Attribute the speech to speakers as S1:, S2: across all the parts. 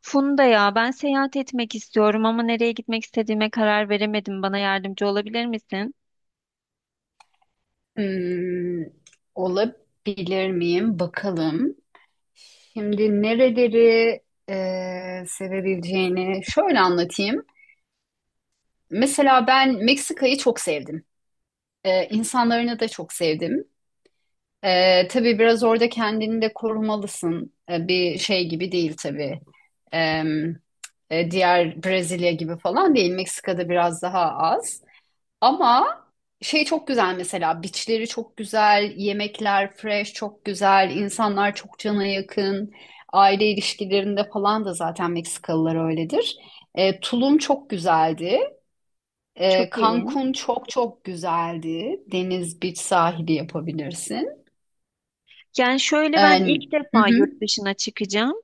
S1: Funda ya ben seyahat etmek istiyorum ama nereye gitmek istediğime karar veremedim. Bana yardımcı olabilir misin?
S2: Hmm, olabilir miyim? Bakalım. Şimdi nereleri sevebileceğini şöyle anlatayım. Mesela ben Meksika'yı çok sevdim. E, insanlarını da çok sevdim. Tabii biraz orada kendini de korumalısın. Bir şey gibi değil tabii. E, diğer Brezilya gibi falan değil. Meksika'da biraz daha az. Ama şey çok güzel mesela beachleri çok güzel, yemekler fresh çok güzel, insanlar çok cana yakın. Aile ilişkilerinde falan da zaten Meksikalılar öyledir. Tulum çok güzeldi.
S1: Çok
S2: E,
S1: iyi.
S2: Cancun çok çok güzeldi. Deniz, beach sahili yapabilirsin.
S1: Yani şöyle
S2: E,
S1: ben ilk
S2: hı
S1: defa
S2: hı.
S1: yurt dışına çıkacağım.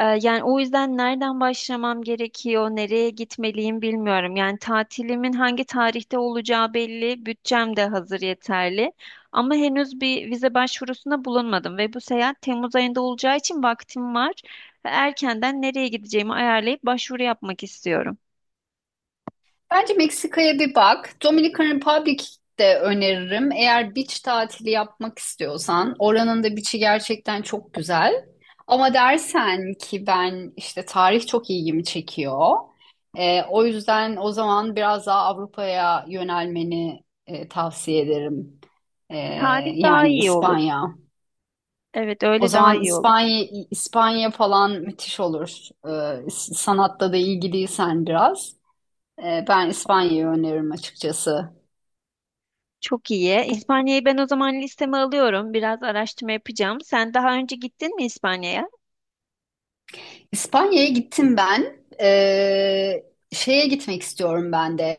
S1: Yani o yüzden nereden başlamam gerekiyor, nereye gitmeliyim bilmiyorum. Yani tatilimin hangi tarihte olacağı belli, bütçem de hazır yeterli. Ama henüz bir vize başvurusunda bulunmadım ve bu seyahat Temmuz ayında olacağı için vaktim var. Ve erkenden nereye gideceğimi ayarlayıp başvuru yapmak istiyorum.
S2: Bence Meksika'ya bir bak. Dominican Republic de öneririm. Eğer beach tatili yapmak istiyorsan, oranın da beach'i gerçekten çok güzel. Ama dersen ki ben işte tarih çok ilgimi çekiyor. O yüzden o zaman biraz daha Avrupa'ya yönelmeni tavsiye ederim. Ee,
S1: Tarih daha
S2: yani
S1: iyi olur.
S2: İspanya.
S1: Evet,
S2: O
S1: öyle daha
S2: zaman
S1: iyi olur.
S2: İspanya falan müthiş olur. Sanatta da ilgiliysen biraz. Ben İspanya'yı öneririm açıkçası.
S1: Çok iyi.
S2: Bu
S1: İspanya'yı ben o zaman listeme alıyorum. Biraz araştırma yapacağım. Sen daha önce gittin mi İspanya'ya?
S2: İspanya'ya gittim ben. Şeye gitmek istiyorum ben de.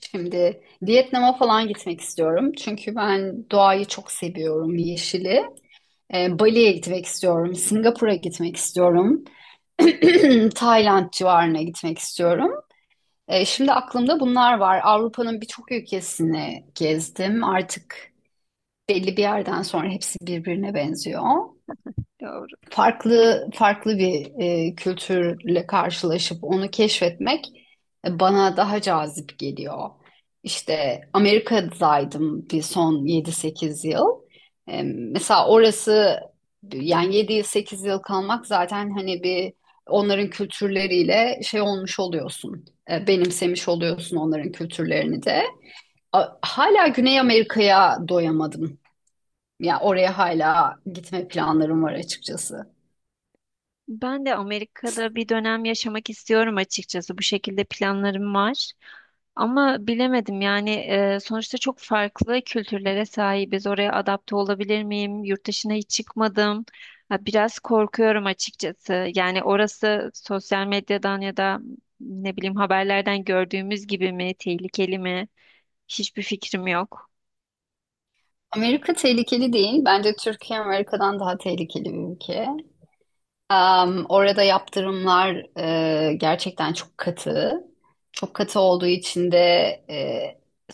S2: Şimdi Vietnam'a falan gitmek istiyorum. Çünkü ben doğayı çok seviyorum, yeşili. Bali'ye gitmek istiyorum. Singapur'a gitmek istiyorum. Tayland civarına gitmek istiyorum. Şimdi aklımda bunlar var. Avrupa'nın birçok ülkesini gezdim. Artık belli bir yerden sonra hepsi birbirine benziyor.
S1: Doğru.
S2: Farklı farklı bir kültürle karşılaşıp onu keşfetmek bana daha cazip geliyor. İşte Amerika'daydım bir son 7-8 yıl. Mesela orası yani yedi yıl 8 yıl kalmak zaten hani bir onların kültürleriyle şey olmuş oluyorsun. Benimsemiş oluyorsun onların kültürlerini de. Hala Güney Amerika'ya doyamadım. Ya oraya hala gitme planlarım var açıkçası.
S1: Ben de Amerika'da bir dönem yaşamak istiyorum açıkçası. Bu şekilde planlarım var. Ama bilemedim yani sonuçta çok farklı kültürlere sahibiz. Oraya adapte olabilir miyim? Yurt dışına hiç çıkmadım. Ha, biraz korkuyorum açıkçası. Yani orası sosyal medyadan ya da ne bileyim haberlerden gördüğümüz gibi mi, tehlikeli mi? Hiçbir fikrim yok.
S2: Amerika tehlikeli değil. Bence Türkiye Amerika'dan daha tehlikeli bir ülke. Orada yaptırımlar gerçekten çok katı. Çok katı olduğu için de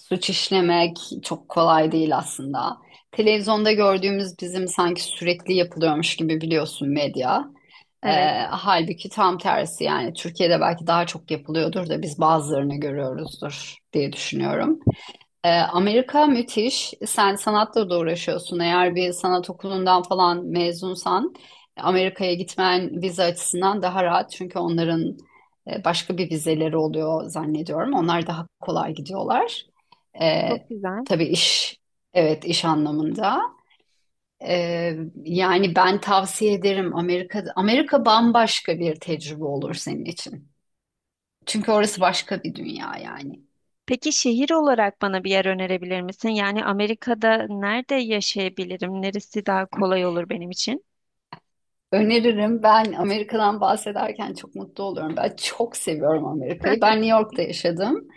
S2: suç işlemek çok kolay değil aslında. Televizyonda gördüğümüz bizim sanki sürekli yapılıyormuş gibi biliyorsun medya. E,
S1: Evet,
S2: halbuki tam tersi yani Türkiye'de belki daha çok yapılıyordur da biz bazılarını görüyoruzdur diye düşünüyorum. Amerika müthiş. Sen sanatla da uğraşıyorsun. Eğer bir sanat okulundan falan mezunsan Amerika'ya gitmen vize açısından daha rahat. Çünkü onların başka bir vizeleri oluyor zannediyorum. Onlar daha kolay gidiyorlar. Ee,
S1: çok güzel.
S2: tabii iş, evet iş anlamında. Ee, yani ben tavsiye ederim Amerika. Amerika bambaşka bir tecrübe olur senin için. Çünkü orası başka bir dünya yani.
S1: Peki şehir olarak bana bir yer önerebilir misin? Yani Amerika'da nerede yaşayabilirim? Neresi daha kolay olur benim için?
S2: Öneririm. Ben Amerika'dan bahsederken çok mutlu oluyorum. Ben çok seviyorum Amerika'yı. Ben New York'ta yaşadım.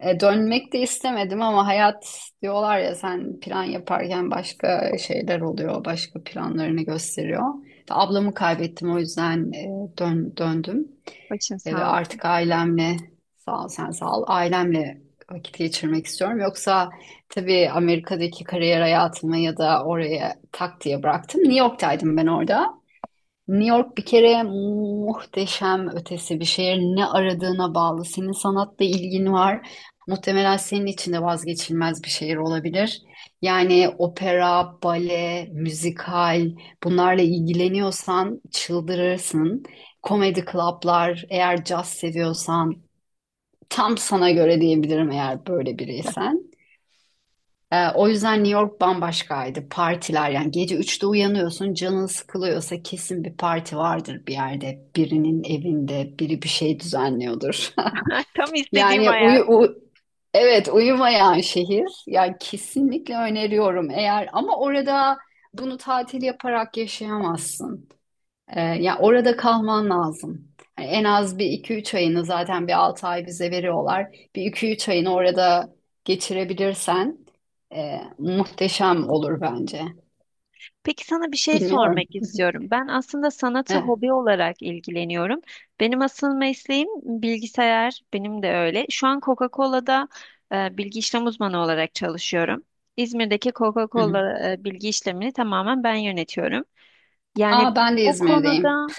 S2: Dönmek de istemedim ama hayat diyorlar ya sen plan yaparken başka şeyler oluyor, başka planlarını gösteriyor. İşte ablamı kaybettim o yüzden döndüm.
S1: Başın
S2: Ve
S1: sağ ol.
S2: artık ailemle, sağ ol sen, sağ ol, ailemle vakit geçirmek istiyorum. Yoksa tabii Amerika'daki kariyer hayatımı ya da oraya tak diye bıraktım. New York'taydım ben orada. New York bir kere muhteşem ötesi bir şehir. Ne aradığına bağlı. Senin sanatla ilgin var. Muhtemelen senin için de vazgeçilmez bir şehir olabilir. Yani opera, bale, müzikal bunlarla ilgileniyorsan çıldırırsın. Komedi klaplar, eğer caz seviyorsan tam sana göre diyebilirim eğer böyle biriysen. O yüzden New York bambaşkaydı. Partiler yani gece üçte uyanıyorsun canın sıkılıyorsa kesin bir parti vardır bir yerde. Birinin evinde biri bir şey düzenliyordur.
S1: Tam istediğim
S2: Yani
S1: hayat.
S2: evet uyumayan şehir. Yani kesinlikle öneriyorum eğer ama orada bunu tatil yaparak yaşayamazsın. Ya orada kalman lazım. Hani en az bir iki üç ayını zaten bir 6 ay bize veriyorlar. Bir iki üç ayını orada geçirebilirsen muhteşem olur bence.
S1: Peki sana bir şey
S2: Bilmiyorum.
S1: sormak istiyorum. Ben aslında sanatı
S2: Evet.
S1: hobi olarak ilgileniyorum. Benim asıl mesleğim bilgisayar, benim de öyle. Şu an Coca-Cola'da bilgi işlem uzmanı olarak çalışıyorum. İzmir'deki
S2: Hı hı.
S1: Coca-Cola bilgi işlemini tamamen ben yönetiyorum. Yani
S2: Aa, ben de
S1: bu
S2: İzmir'deyim.
S1: konuda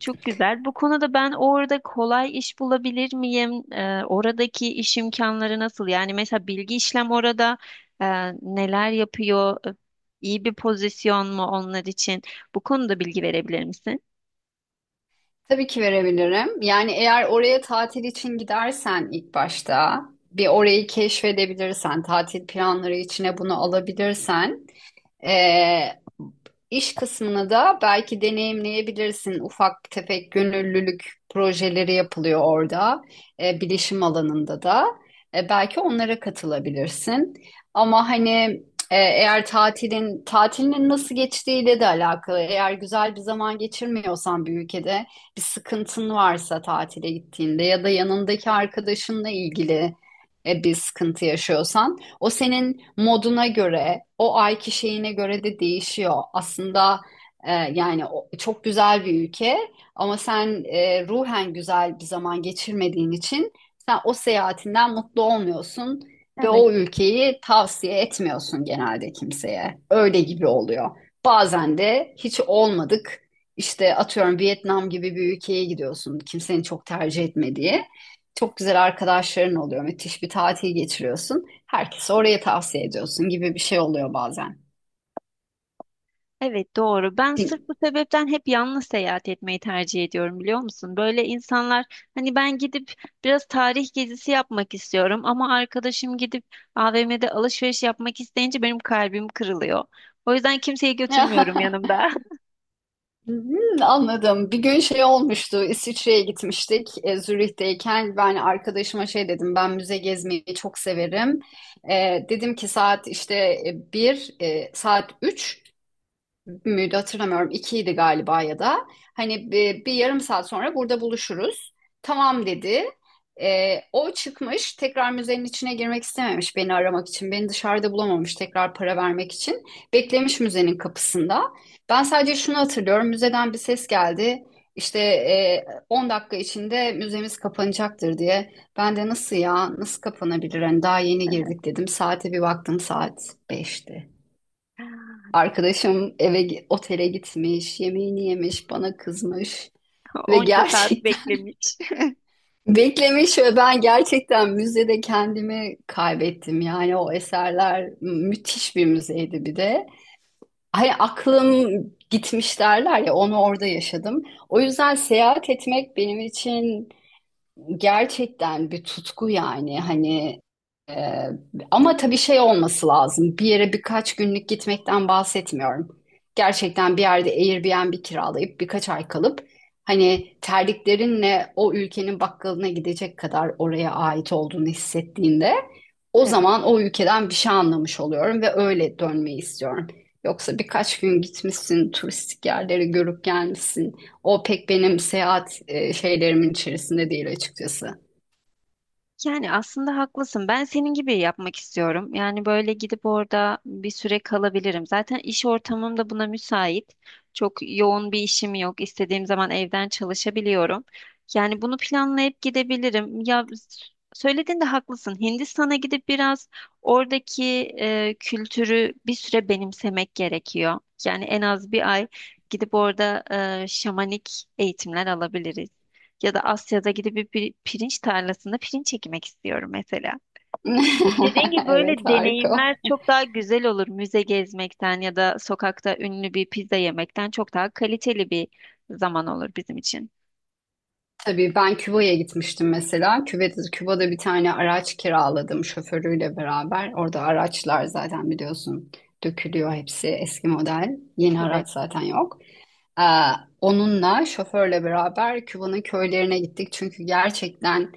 S1: çok güzel. Bu konuda ben orada kolay iş bulabilir miyim? Oradaki iş imkanları nasıl? Yani mesela bilgi işlem orada e, neler yapıyor? İyi bir pozisyon mu onlar için? Bu konuda bilgi verebilir misin?
S2: Tabii ki verebilirim. Yani eğer oraya tatil için gidersen ilk başta bir orayı keşfedebilirsen, tatil planları içine bunu alabilirsen Ee, iş kısmını da belki deneyimleyebilirsin. Ufak tefek gönüllülük projeleri yapılıyor orada, bilişim alanında da. Belki onlara katılabilirsin. Ama hani eğer tatilinin nasıl geçtiğiyle de alakalı. Eğer güzel bir zaman geçirmiyorsan bir ülkede bir sıkıntın varsa tatile gittiğinde ya da yanındaki arkadaşınla ilgili bir sıkıntı yaşıyorsan o senin moduna göre, o ayki şeyine göre de değişiyor. Aslında yani çok güzel bir ülke ama sen ruhen güzel bir zaman geçirmediğin için sen o seyahatinden mutlu olmuyorsun ve
S1: Evet,
S2: o ülkeyi tavsiye etmiyorsun genelde kimseye. Öyle gibi oluyor. Bazen de hiç olmadık. İşte atıyorum Vietnam gibi bir ülkeye gidiyorsun. Kimsenin çok tercih etmediği. Çok güzel arkadaşların oluyor. Müthiş bir tatil geçiriyorsun. Herkese oraya tavsiye ediyorsun gibi bir şey oluyor bazen.
S1: evet doğru. Ben sırf bu sebepten hep yalnız seyahat etmeyi tercih ediyorum biliyor musun? Böyle insanlar hani ben gidip biraz tarih gezisi yapmak istiyorum ama arkadaşım gidip AVM'de alışveriş yapmak isteyince benim kalbim kırılıyor. O yüzden kimseyi götürmüyorum yanımda.
S2: Hmm, anladım. Bir gün şey olmuştu. İsviçre'ye gitmiştik. Zürih'teyken ben arkadaşıma şey dedim. Ben müze gezmeyi çok severim. Dedim ki saat işte bir, saat 3. Bir müydü hatırlamıyorum. İkiydi galiba ya da. Hani bir yarım saat sonra burada buluşuruz. Tamam dedi. O çıkmış tekrar müzenin içine girmek istememiş beni aramak için. Beni dışarıda bulamamış tekrar para vermek için. Beklemiş müzenin kapısında. Ben sadece şunu hatırlıyorum. Müzeden bir ses geldi. İşte 10 dakika içinde müzemiz kapanacaktır diye. Ben de nasıl ya nasıl kapanabilir? Hani daha yeni girdik dedim. Saate bir baktım saat 5'ti. Arkadaşım otele gitmiş, yemeğini yemiş, bana kızmış ve
S1: Onca saat
S2: gerçekten
S1: beklemiş.
S2: beklemiş ve ben gerçekten müzede kendimi kaybettim. Yani o eserler müthiş bir müzeydi bir de. Hani aklım gitmiş derler ya onu orada yaşadım. O yüzden seyahat etmek benim için gerçekten bir tutku yani hani ee, ama tabii şey olması lazım. Bir yere birkaç günlük gitmekten bahsetmiyorum. Gerçekten bir yerde Airbnb kiralayıp birkaç ay kalıp hani terliklerinle o ülkenin bakkalına gidecek kadar oraya ait olduğunu hissettiğinde o
S1: Evet.
S2: zaman o ülkeden bir şey anlamış oluyorum ve öyle dönmeyi istiyorum. Yoksa birkaç gün gitmişsin, turistik yerleri görüp gelmişsin. O pek benim seyahat şeylerimin içerisinde değil açıkçası.
S1: Yani aslında haklısın. Ben senin gibi yapmak istiyorum. Yani böyle gidip orada bir süre kalabilirim. Zaten iş ortamım da buna müsait. Çok yoğun bir işim yok. İstediğim zaman evden çalışabiliyorum. Yani bunu planlayıp gidebilirim. Söylediğinde haklısın. Hindistan'a gidip biraz oradaki kültürü bir süre benimsemek gerekiyor. Yani en az bir ay gidip orada şamanik eğitimler alabiliriz. Ya da Asya'da gidip bir pirinç tarlasında pirinç ekmek istiyorum mesela. Dediğim gibi
S2: Evet,
S1: böyle
S2: harika.
S1: deneyimler çok daha güzel olur. Müze gezmekten ya da sokakta ünlü bir pizza yemekten çok daha kaliteli bir zaman olur bizim için.
S2: Tabii ben Küba'ya gitmiştim mesela. Küba'da bir tane araç kiraladım şoförüyle beraber. Orada araçlar zaten biliyorsun dökülüyor hepsi eski model. Yeni
S1: Evet.
S2: araç zaten yok. Ee, onunla şoförle beraber Küba'nın köylerine gittik. Çünkü gerçekten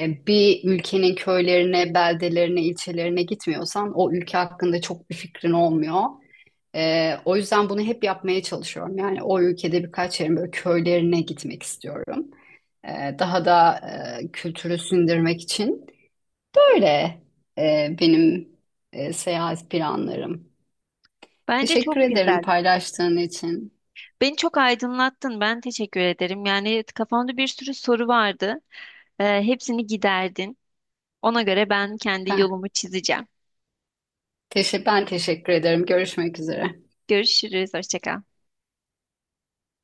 S2: bir ülkenin köylerine, beldelerine, ilçelerine gitmiyorsan o ülke hakkında çok bir fikrin olmuyor. O yüzden bunu hep yapmaya çalışıyorum. Yani o ülkede birkaç yerin böyle köylerine gitmek istiyorum daha da kültürü sindirmek için. Böyle benim seyahat planlarım.
S1: Bence
S2: Teşekkür
S1: çok
S2: ederim
S1: güzel.
S2: paylaştığın için.
S1: Beni çok aydınlattın. Ben teşekkür ederim. Yani kafamda bir sürü soru vardı. Hepsini giderdin. Ona göre ben kendi
S2: Ben,
S1: yolumu çizeceğim.
S2: ben teşekkür ederim. Görüşmek üzere.
S1: Görüşürüz. Hoşça kal.